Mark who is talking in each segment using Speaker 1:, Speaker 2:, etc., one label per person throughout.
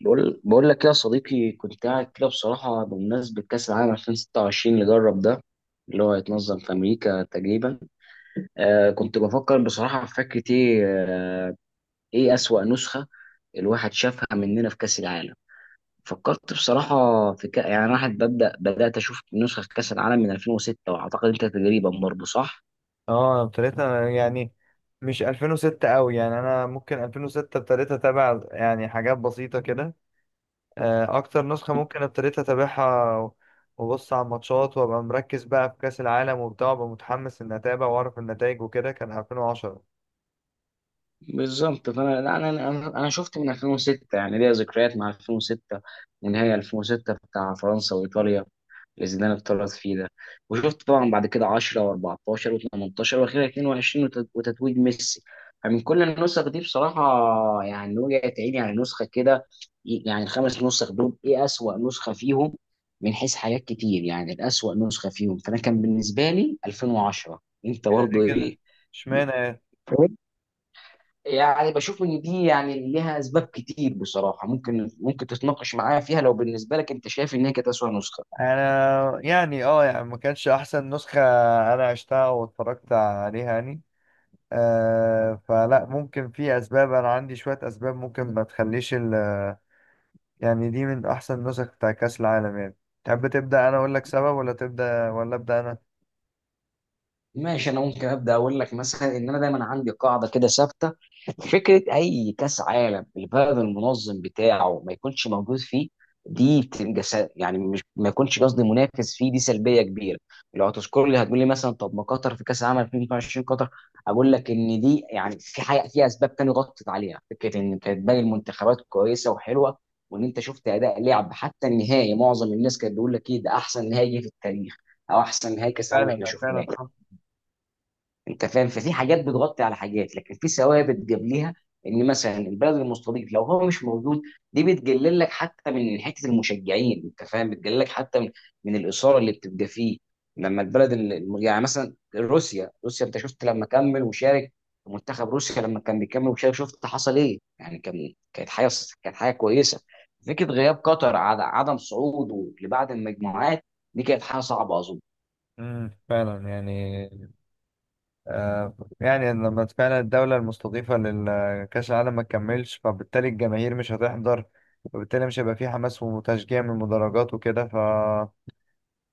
Speaker 1: بقول لك يا صديقي، كنت قاعد كده بصراحة. بمناسبة كأس العالم 2026 اللي جرب ده، اللي هو هيتنظم في أمريكا تقريبا، كنت بفكر بصراحة في فكرة، إيه أسوأ نسخة الواحد شافها مننا في كأس العالم. فكرت بصراحة، في يعني أنا واحد بدأت أشوف نسخة في كأس العالم من 2006، وأعتقد أنت تقريبا برضه صح؟
Speaker 2: اه، ابتديتها يعني. مش 2006 قوي يعني، انا ممكن 2006 ابتديت اتابع يعني حاجات بسيطة كده. اكتر نسخة ممكن ابتديت اتابعها وابص على الماتشات وابقى مركز بقى في كأس العالم وبتاع، وابقى متحمس ان اتابع واعرف النتائج وكده، كان 2010.
Speaker 1: بالظبط. فانا لا، انا شفت من 2006، يعني ليا ذكريات مع 2006، ونهائي 2006 بتاع فرنسا وايطاليا اللي زيدان اتطرد فيه ده. وشفت طبعا بعد كده 10 و14 و18 واخيرا 22، وتتويج ميسي. فمن كل النسخ دي بصراحه، يعني وجعت عيني على نسخه كده. يعني الخمس نسخ دول، ايه اسوأ نسخه فيهم من حيث حاجات كتير، يعني الاسوأ نسخه فيهم؟ فانا كان بالنسبه لي 2010. انت
Speaker 2: كده
Speaker 1: برضه
Speaker 2: ليه كده؟
Speaker 1: ايه؟
Speaker 2: اشمعنى يعني؟
Speaker 1: يعني بشوف ان دي يعني ليها اسباب كتير بصراحه، ممكن تتناقش معايا فيها لو بالنسبه لك انت شايف ان هي كانت اسوء نسخه.
Speaker 2: انا يعني اه يعني ما كانش احسن نسخة، انا عشتها واتفرجت عليها يعني. آه، فلا، ممكن في اسباب، انا عندي شوية اسباب ممكن ما تخليش يعني دي من احسن النسخ بتاع كاس العالم يعني. تحب تبدا انا اقول لك سبب، ولا تبدا، ولا ابدا انا؟
Speaker 1: ماشي، انا ممكن ابدا اقول لك مثلا ان انا دايما عندي قاعده كده ثابته. فكره اي كاس عالم البلد المنظم بتاعه ما يكونش موجود فيه، دي بتبقى يعني مش، ما يكونش قصدي، منافس فيه، دي سلبيه كبيره. لو هتذكر لي هتقول لي مثلا، طب ما قطر في كاس العالم 2022، قطر. اقول لك ان دي يعني، في حاجه، في اسباب تانية غطت عليها فكره ان كانت باقي المنتخبات كويسه وحلوه. وان انت شفت اداء لعب حتى النهائي، معظم الناس كانت بيقول لك ايه ده احسن نهائي جه في التاريخ، او احسن نهائي كاس عالم
Speaker 2: فعلا
Speaker 1: احنا
Speaker 2: لا، فعلا
Speaker 1: شفناه.
Speaker 2: صح.
Speaker 1: انت فاهم. ففي حاجات بتغطي على حاجات، لكن في ثوابت جاب. ان مثلا البلد المستضيف لو هو مش موجود، دي بتقلل لك حتى من حته المشجعين، انت فاهم، بتقلل لك حتى من الاثاره اللي بتبقى فيه. لما البلد يعني مثلا روسيا، انت شفت لما كمل وشارك في منتخب روسيا، لما كان بيكمل وشارك شفت حصل ايه. يعني كانت حاجه، كانت حاجه كويسه. فكره غياب قطر، عدم صعوده لبعض المجموعات، دي كانت حاجه صعبه اظن.
Speaker 2: فعلا يعني. آه يعني، لما فعلا الدولة المستضيفة لكأس العالم ما تكملش، فبالتالي الجماهير مش هتحضر، وبالتالي مش هيبقى فيه حماس وتشجيع من المدرجات وكده. ف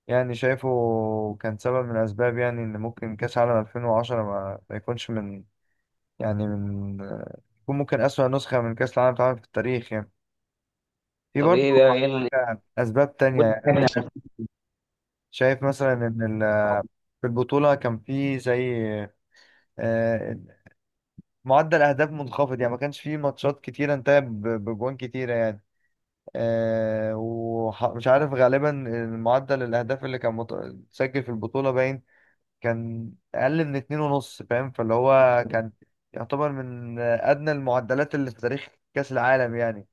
Speaker 2: يعني شايفه كان سبب من الأسباب يعني، إن ممكن كأس العالم 2010 ما يكونش من يعني من يكون ممكن أسوأ نسخة من كأس العالم اتعملت في التاريخ يعني. في
Speaker 1: طب
Speaker 2: برضه
Speaker 1: ايه بقى، ايه
Speaker 2: أسباب تانية يعني، أنا شايف، شايف مثلا إن في البطولة كان في زي آه، معدل أهداف منخفض يعني. ما كانش في ماتشات كتيرة انتهت بجوان كتيرة يعني. ومش عارف غالبا معدل الأهداف اللي كان اتسجل في البطولة باين كان أقل من اتنين ونص، فاهم؟ فاللي هو كان يعتبر من أدنى المعدلات اللي في تاريخ كأس العالم يعني.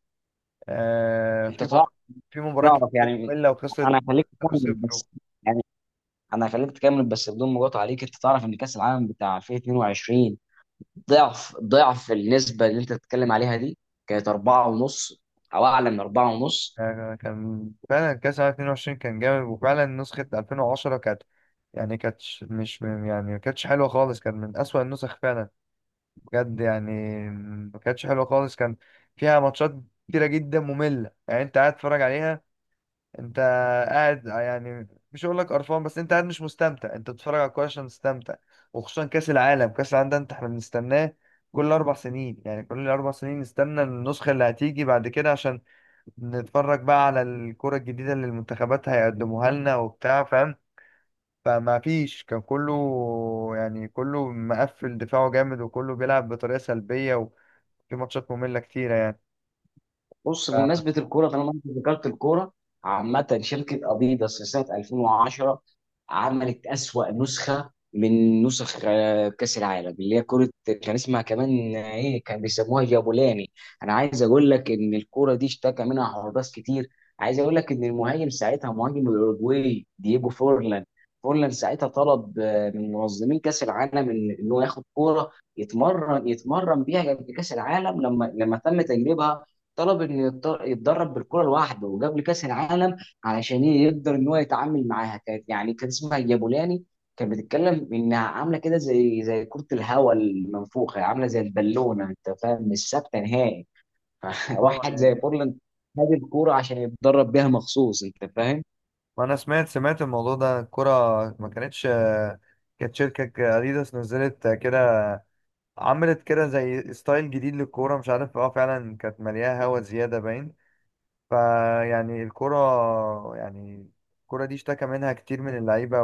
Speaker 2: آه،
Speaker 1: انت
Speaker 2: في مر- في مباراة كتير
Speaker 1: تعرف.
Speaker 2: كانت
Speaker 1: يعني
Speaker 2: مملة وخسرت
Speaker 1: انا هخليك تكمل
Speaker 2: 0-0.
Speaker 1: بس يعني انا هخليك تكمل بس بدون مقاطعه عليك. انت تعرف ان كاس العالم بتاع 2022، ضعف النسبه اللي انت بتتكلم عليها دي، كانت 4 ونص، او اعلى من 4 ونص.
Speaker 2: كان فعلا كاس العالم 22 كان جامد، وفعلا نسخة 2010 كانت يعني كانتش مش يعني ما كانتش حلوة خالص، كان من أسوأ النسخ فعلا بجد يعني. ما كانتش حلوة خالص، كان فيها ماتشات كتيرة جدا مملة يعني. أنت قاعد تتفرج عليها، أنت قاعد يعني، مش هقول لك قرفان، بس أنت قاعد مش مستمتع. أنت بتتفرج على الكورة عشان تستمتع، وخصوصا كأس العالم. كأس العالم ده أنت، إحنا بنستناه كل أربع سنين يعني. كل أربع سنين نستنى النسخة اللي هتيجي بعد كده، عشان نتفرج بقى على الكرة الجديدة اللي المنتخبات هيقدموها لنا وبتاع، فاهم؟ فما فيش، كان كله يعني كله مقفل، دفاعه جامد، وكله بيلعب بطريقة سلبية، وفي ماتشات مملة كتيرة يعني.
Speaker 1: بص،
Speaker 2: ف-
Speaker 1: بمناسبة الكورة، طالما انت ذكرت الكورة، عامة شركة اديداس في سنة 2010 عملت أسوأ نسخة من نسخ كأس العالم اللي هي كرة، كان اسمها كمان، ايه، كان بيسموها جابولاني. انا عايز اقول لك ان الكرة دي اشتكى منها حراس كتير. عايز اقول لك ان المهاجم ساعتها، مهاجم الاوروجواي دييجو فورلان، فورلان ساعتها طلب من منظمين كأس العالم إن هو ياخد كورة يتمرن بيها قبل كأس العالم، لما تم تجربها. طلب انه يتدرب بالكره لوحده وقبل كاس العالم علشان يقدر ان هو يتعامل معاها. كانت، يعني كان اسمها جابولاني. كانت بتتكلم انها عامله كده زي كره الهواء المنفوخه، عامله زي البالونه، انت فاهم، مش ثابته نهائي.
Speaker 2: اه
Speaker 1: واحد زي
Speaker 2: يعني،
Speaker 1: بورلاند خد الكوره عشان يتدرب بيها مخصوص، انت فاهم.
Speaker 2: وانا سمعت الموضوع ده. الكرة ما كانتش، كانت شركة اديداس نزلت كده، عملت كده زي ستايل جديد للكورة، مش عارف، اه فعلا كانت مليانة هوا زيادة باين. فيعني الكرة يعني، الكرة دي اشتكى منها كتير من اللعيبة،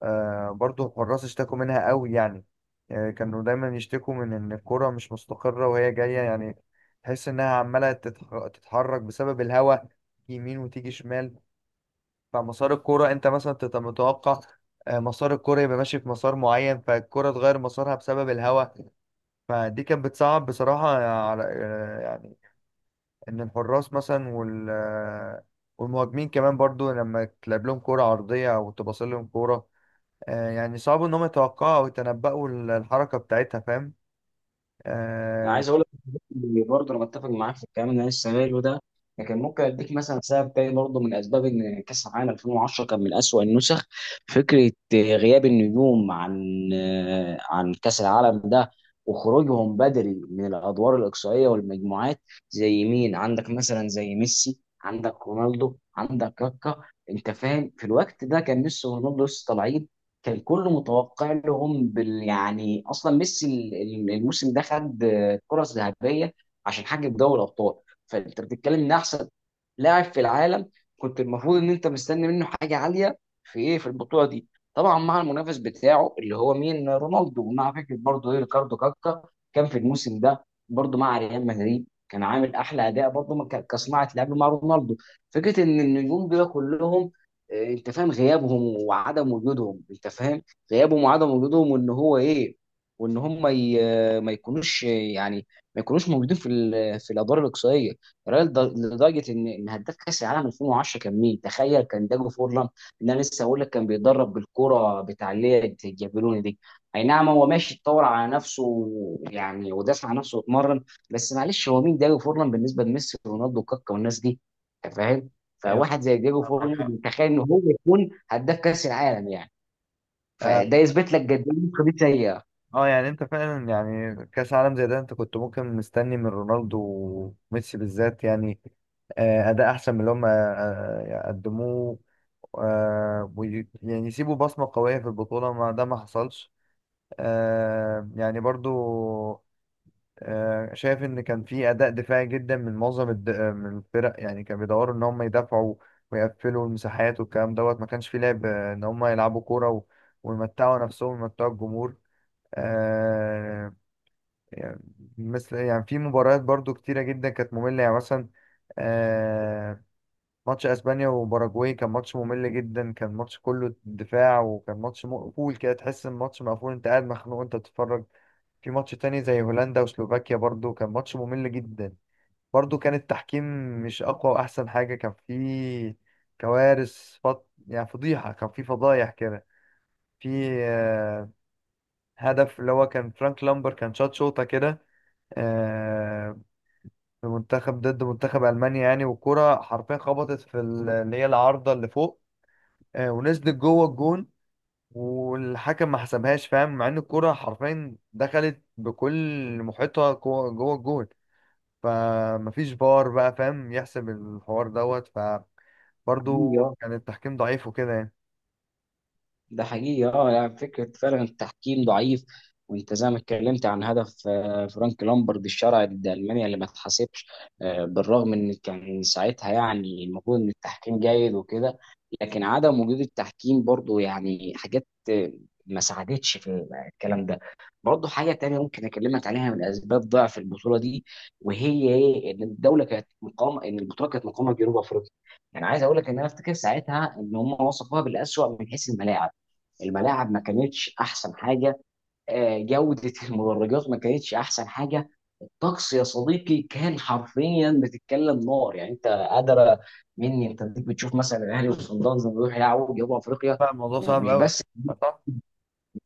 Speaker 2: وبرضه الحراس اشتكوا منها قوي يعني. كانوا دايما يشتكوا من إن الكرة مش مستقرة وهي جاية يعني، تحس إنها عمالة تتحرك بسبب الهواء يمين وتيجي شمال. فمسار الكرة أنت مثلا تبقى متوقع مسار الكرة يبقى ماشي في مسار معين، فالكرة تغير مسارها بسبب الهواء. فدي كانت بتصعب بصراحة على ان الحراس مثلا والمهاجمين كمان برضو، لما تلعب لهم كرة عرضية او تباصي لهم كرة يعني صعب انهم يتوقعوا او يتنبأوا الحركة بتاعتها، فاهم؟
Speaker 1: انا
Speaker 2: آه،
Speaker 1: عايز اقول لك برضه، انا متفق معاك في الكلام اللي انا لسه قايله ده، لكن ممكن اديك مثلا سبب تاني برضه من اسباب ان كاس العالم 2010 كان من اسوأ النسخ: فكره غياب النجوم عن كاس العالم ده، وخروجهم بدري من الادوار الاقصائيه والمجموعات. زي مين عندك؟ مثلا زي ميسي، عندك رونالدو، عندك كاكا. انت فاهم، في الوقت ده كان ميسي ورونالدو لسه طالعين، كان كله متوقع لهم بال، يعني اصلا ميسي الموسم ده خد، كانت فرص ذهبيه عشان حقق دوري الابطال. فانت بتتكلم ان احسن لاعب في العالم، كنت المفروض ان انت مستني منه حاجه عاليه في ايه، في البطوله دي. طبعا مع المنافس بتاعه اللي هو مين؟ رونالدو، ومع فكره برضه ايه، ريكاردو كاكا. كان في الموسم ده برضه مع ريال مدريد كان عامل احلى اداء برضه كصناعه لعب مع رونالدو. فكره ان النجوم دول كلهم، انت فاهم، غيابهم وعدم وجودهم، انت فاهم، غيابهم وعدم وجودهم، وان هو ايه، وان هم ما يكونوش يعني ما يكونوش موجودين في في الادوار الاقصائيه. الراجل لدرجه ان هداف كاس العالم 2010 كان مين تخيل؟ كان داجو فورلان، اللي انا لسه هقول لك كان بيتدرب بالكره بتاع اللي هي الجابلوني دي. اي نعم، هو ماشي اتطور على نفسه يعني، ودافع عن نفسه واتمرن. بس معلش، هو مين داجو فورلان بالنسبه لميسي ورونالدو وكاكا والناس دي؟ أنت فاهم.
Speaker 2: ايوه،
Speaker 1: فواحد زي ديجو
Speaker 2: معاك حق.
Speaker 1: فورلان تخيل ان هو يكون هداف كاس العالم، يعني.
Speaker 2: اه
Speaker 1: فده يثبت لك قد ايه القضيه
Speaker 2: يعني انت فعلا يعني كاس عالم زي ده، انت كنت ممكن مستني من رونالدو وميسي بالذات يعني اداء احسن من اللي هم قدموه يعني يسيبوا بصمه قويه في البطوله، ما ده ما حصلش. يعني برضو شايف ان كان في اداء دفاعي جدا من معظم الد... آه، من الفرق يعني. كانوا بيدوروا ان هم يدافعوا ويقفلوا المساحات والكلام دوت، ما كانش في لعب ان هم يلعبوا كوره ويمتعوا نفسهم ويمتعوا الجمهور. آه يعني، مثل يعني في مباريات برضو كتيره جدا كانت ممله يعني. مثلا آه، ماتش اسبانيا وباراجواي كان ماتش ممل جدا، كان ماتش كله دفاع، وكان ماتش مقفول كده، تحس ان الماتش مقفول، انت قاعد مخنوق انت بتتفرج. في ماتش تاني زي هولندا وسلوفاكيا برضو كان ماتش ممل جدا. برضو كان التحكيم مش أقوى وأحسن حاجة. كان في كوارث يعني فضيحة، كان في فضايح كده. في آه، هدف اللي هو كان فرانك لامبر كان شاط شوطة كده آه، في منتخب ضد منتخب ألمانيا يعني. والكرة حرفيا خبطت في اللي هي العارضة اللي فوق ونزلت جوه الجون، والحكم ما حسبهاش، فاهم؟ مع ان الكرة حرفيا دخلت بكل محيطها جوه جوه الجون. فمفيش فار بقى، فاهم، يحسب الحوار دوت. فبرضه
Speaker 1: سيئه.
Speaker 2: كان التحكيم ضعيف وكده يعني.
Speaker 1: ده حقيقي، اه، يعني فكره فعلا التحكيم ضعيف. وانت زي ما اتكلمت عن هدف فرانك لامبرد الشرعي ضد المانيا اللي ما اتحسبش، بالرغم ان كان ساعتها يعني المفروض ان التحكيم جيد وكده. لكن عدم وجود التحكيم برضو يعني حاجات، ما ساعدتش في الكلام ده. برضو حاجه تانية ممكن اكلمك عليها من اسباب ضعف البطوله دي، وهي ايه؟ ان الدوله كانت مقامه، ان البطوله كانت مقامه في جنوب افريقيا. يعني عايز اقول لك ان انا افتكر ساعتها ان هم وصفوها بالاسوأ من حيث الملاعب. الملاعب ما كانتش احسن حاجه، جوده المدرجات ما كانتش احسن حاجه. الطقس يا صديقي كان حرفيا بتتكلم نار، يعني انت قادره مني، انت ديك بتشوف مثلا الاهلي وصن داونز لما يروح يلعبوا جنوب افريقيا.
Speaker 2: فالموضوع صعب
Speaker 1: مش
Speaker 2: قوي. صح،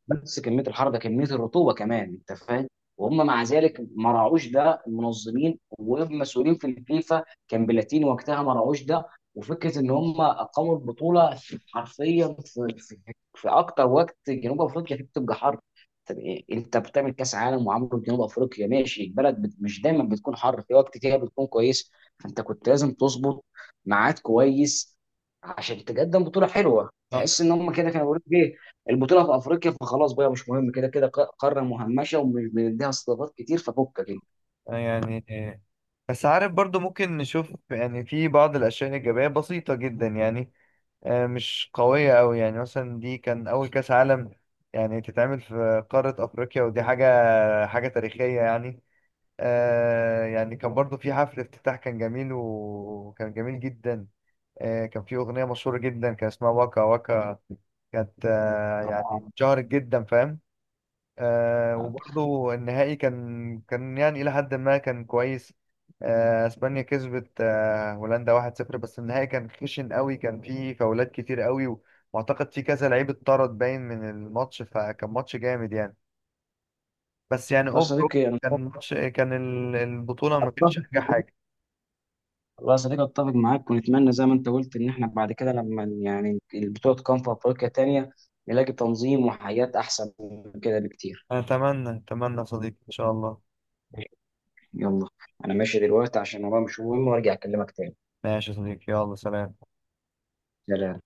Speaker 1: بس كميه الحر ده، كميه الرطوبه كمان، انت فاهم. وهم مع ذلك ما راعوش ده، المنظمين والمسؤولين في الفيفا كان بلاتيني وقتها، ما راعوش ده. وفكره ان هم اقاموا البطوله حرفيا في اكتر وقت جنوب افريقيا فيه بتبقى حر. طب إيه؟ انت بتعمل كاس عالم وعامله في جنوب افريقيا؟ ماشي، البلد مش دايما بتكون حر، في وقت كده بتكون كويس. فانت كنت لازم تظبط ميعاد كويس عشان تقدم بطوله حلوه.
Speaker 2: صح
Speaker 1: تحس ان هم كده كانوا بيقولوا ايه، البطوله في افريقيا فخلاص بقى مش مهم، كده كده قاره مهمشه ومش بنديها استضافات كتير، ففكك انت.
Speaker 2: يعني. بس عارف برضه ممكن نشوف يعني في بعض الأشياء الإيجابية بسيطة جدا يعني مش قوية أوي يعني. مثلا دي كان أول كأس عالم يعني تتعمل في قارة أفريقيا، ودي حاجة، حاجة تاريخية يعني. آه يعني، كان برضه في حفل افتتاح، كان جميل وكان جميل جدا. كان في أغنية مشهورة جدا كان اسمها واكا واكا، كانت يعني
Speaker 1: طبعاً.
Speaker 2: اتشهرت جدا، فاهم؟
Speaker 1: والله
Speaker 2: وبرضو النهائي كان يعني إلى حد ما كان كويس. اسبانيا كسبت هولندا 1-0، بس النهائي كان خشن قوي، كان فيه فاولات كتير قوي، واعتقد في كذا لعيب اتطرد باين من الماتش، فكان ماتش جامد يعني، بس يعني
Speaker 1: يا
Speaker 2: اوفر.
Speaker 1: صديقي انا
Speaker 2: كان ماتش، كان البطولة ما
Speaker 1: متفق
Speaker 2: كانتش أنجح حاجة.
Speaker 1: والله يا صديقي اتفق معاك، ونتمنى زي ما انت قلت ان احنا بعد كده لما يعني البطوله تقام في افريقيا تانية نلاقي تنظيم وحياه احسن من كده بكتير.
Speaker 2: أتمنى يا صديقي، إن شاء الله.
Speaker 1: يلا، انا ماشي دلوقتي عشان ورايا مش مهم، وارجع اكلمك تاني.
Speaker 2: ماشي يا صديقي، يلا، سلام.
Speaker 1: سلام.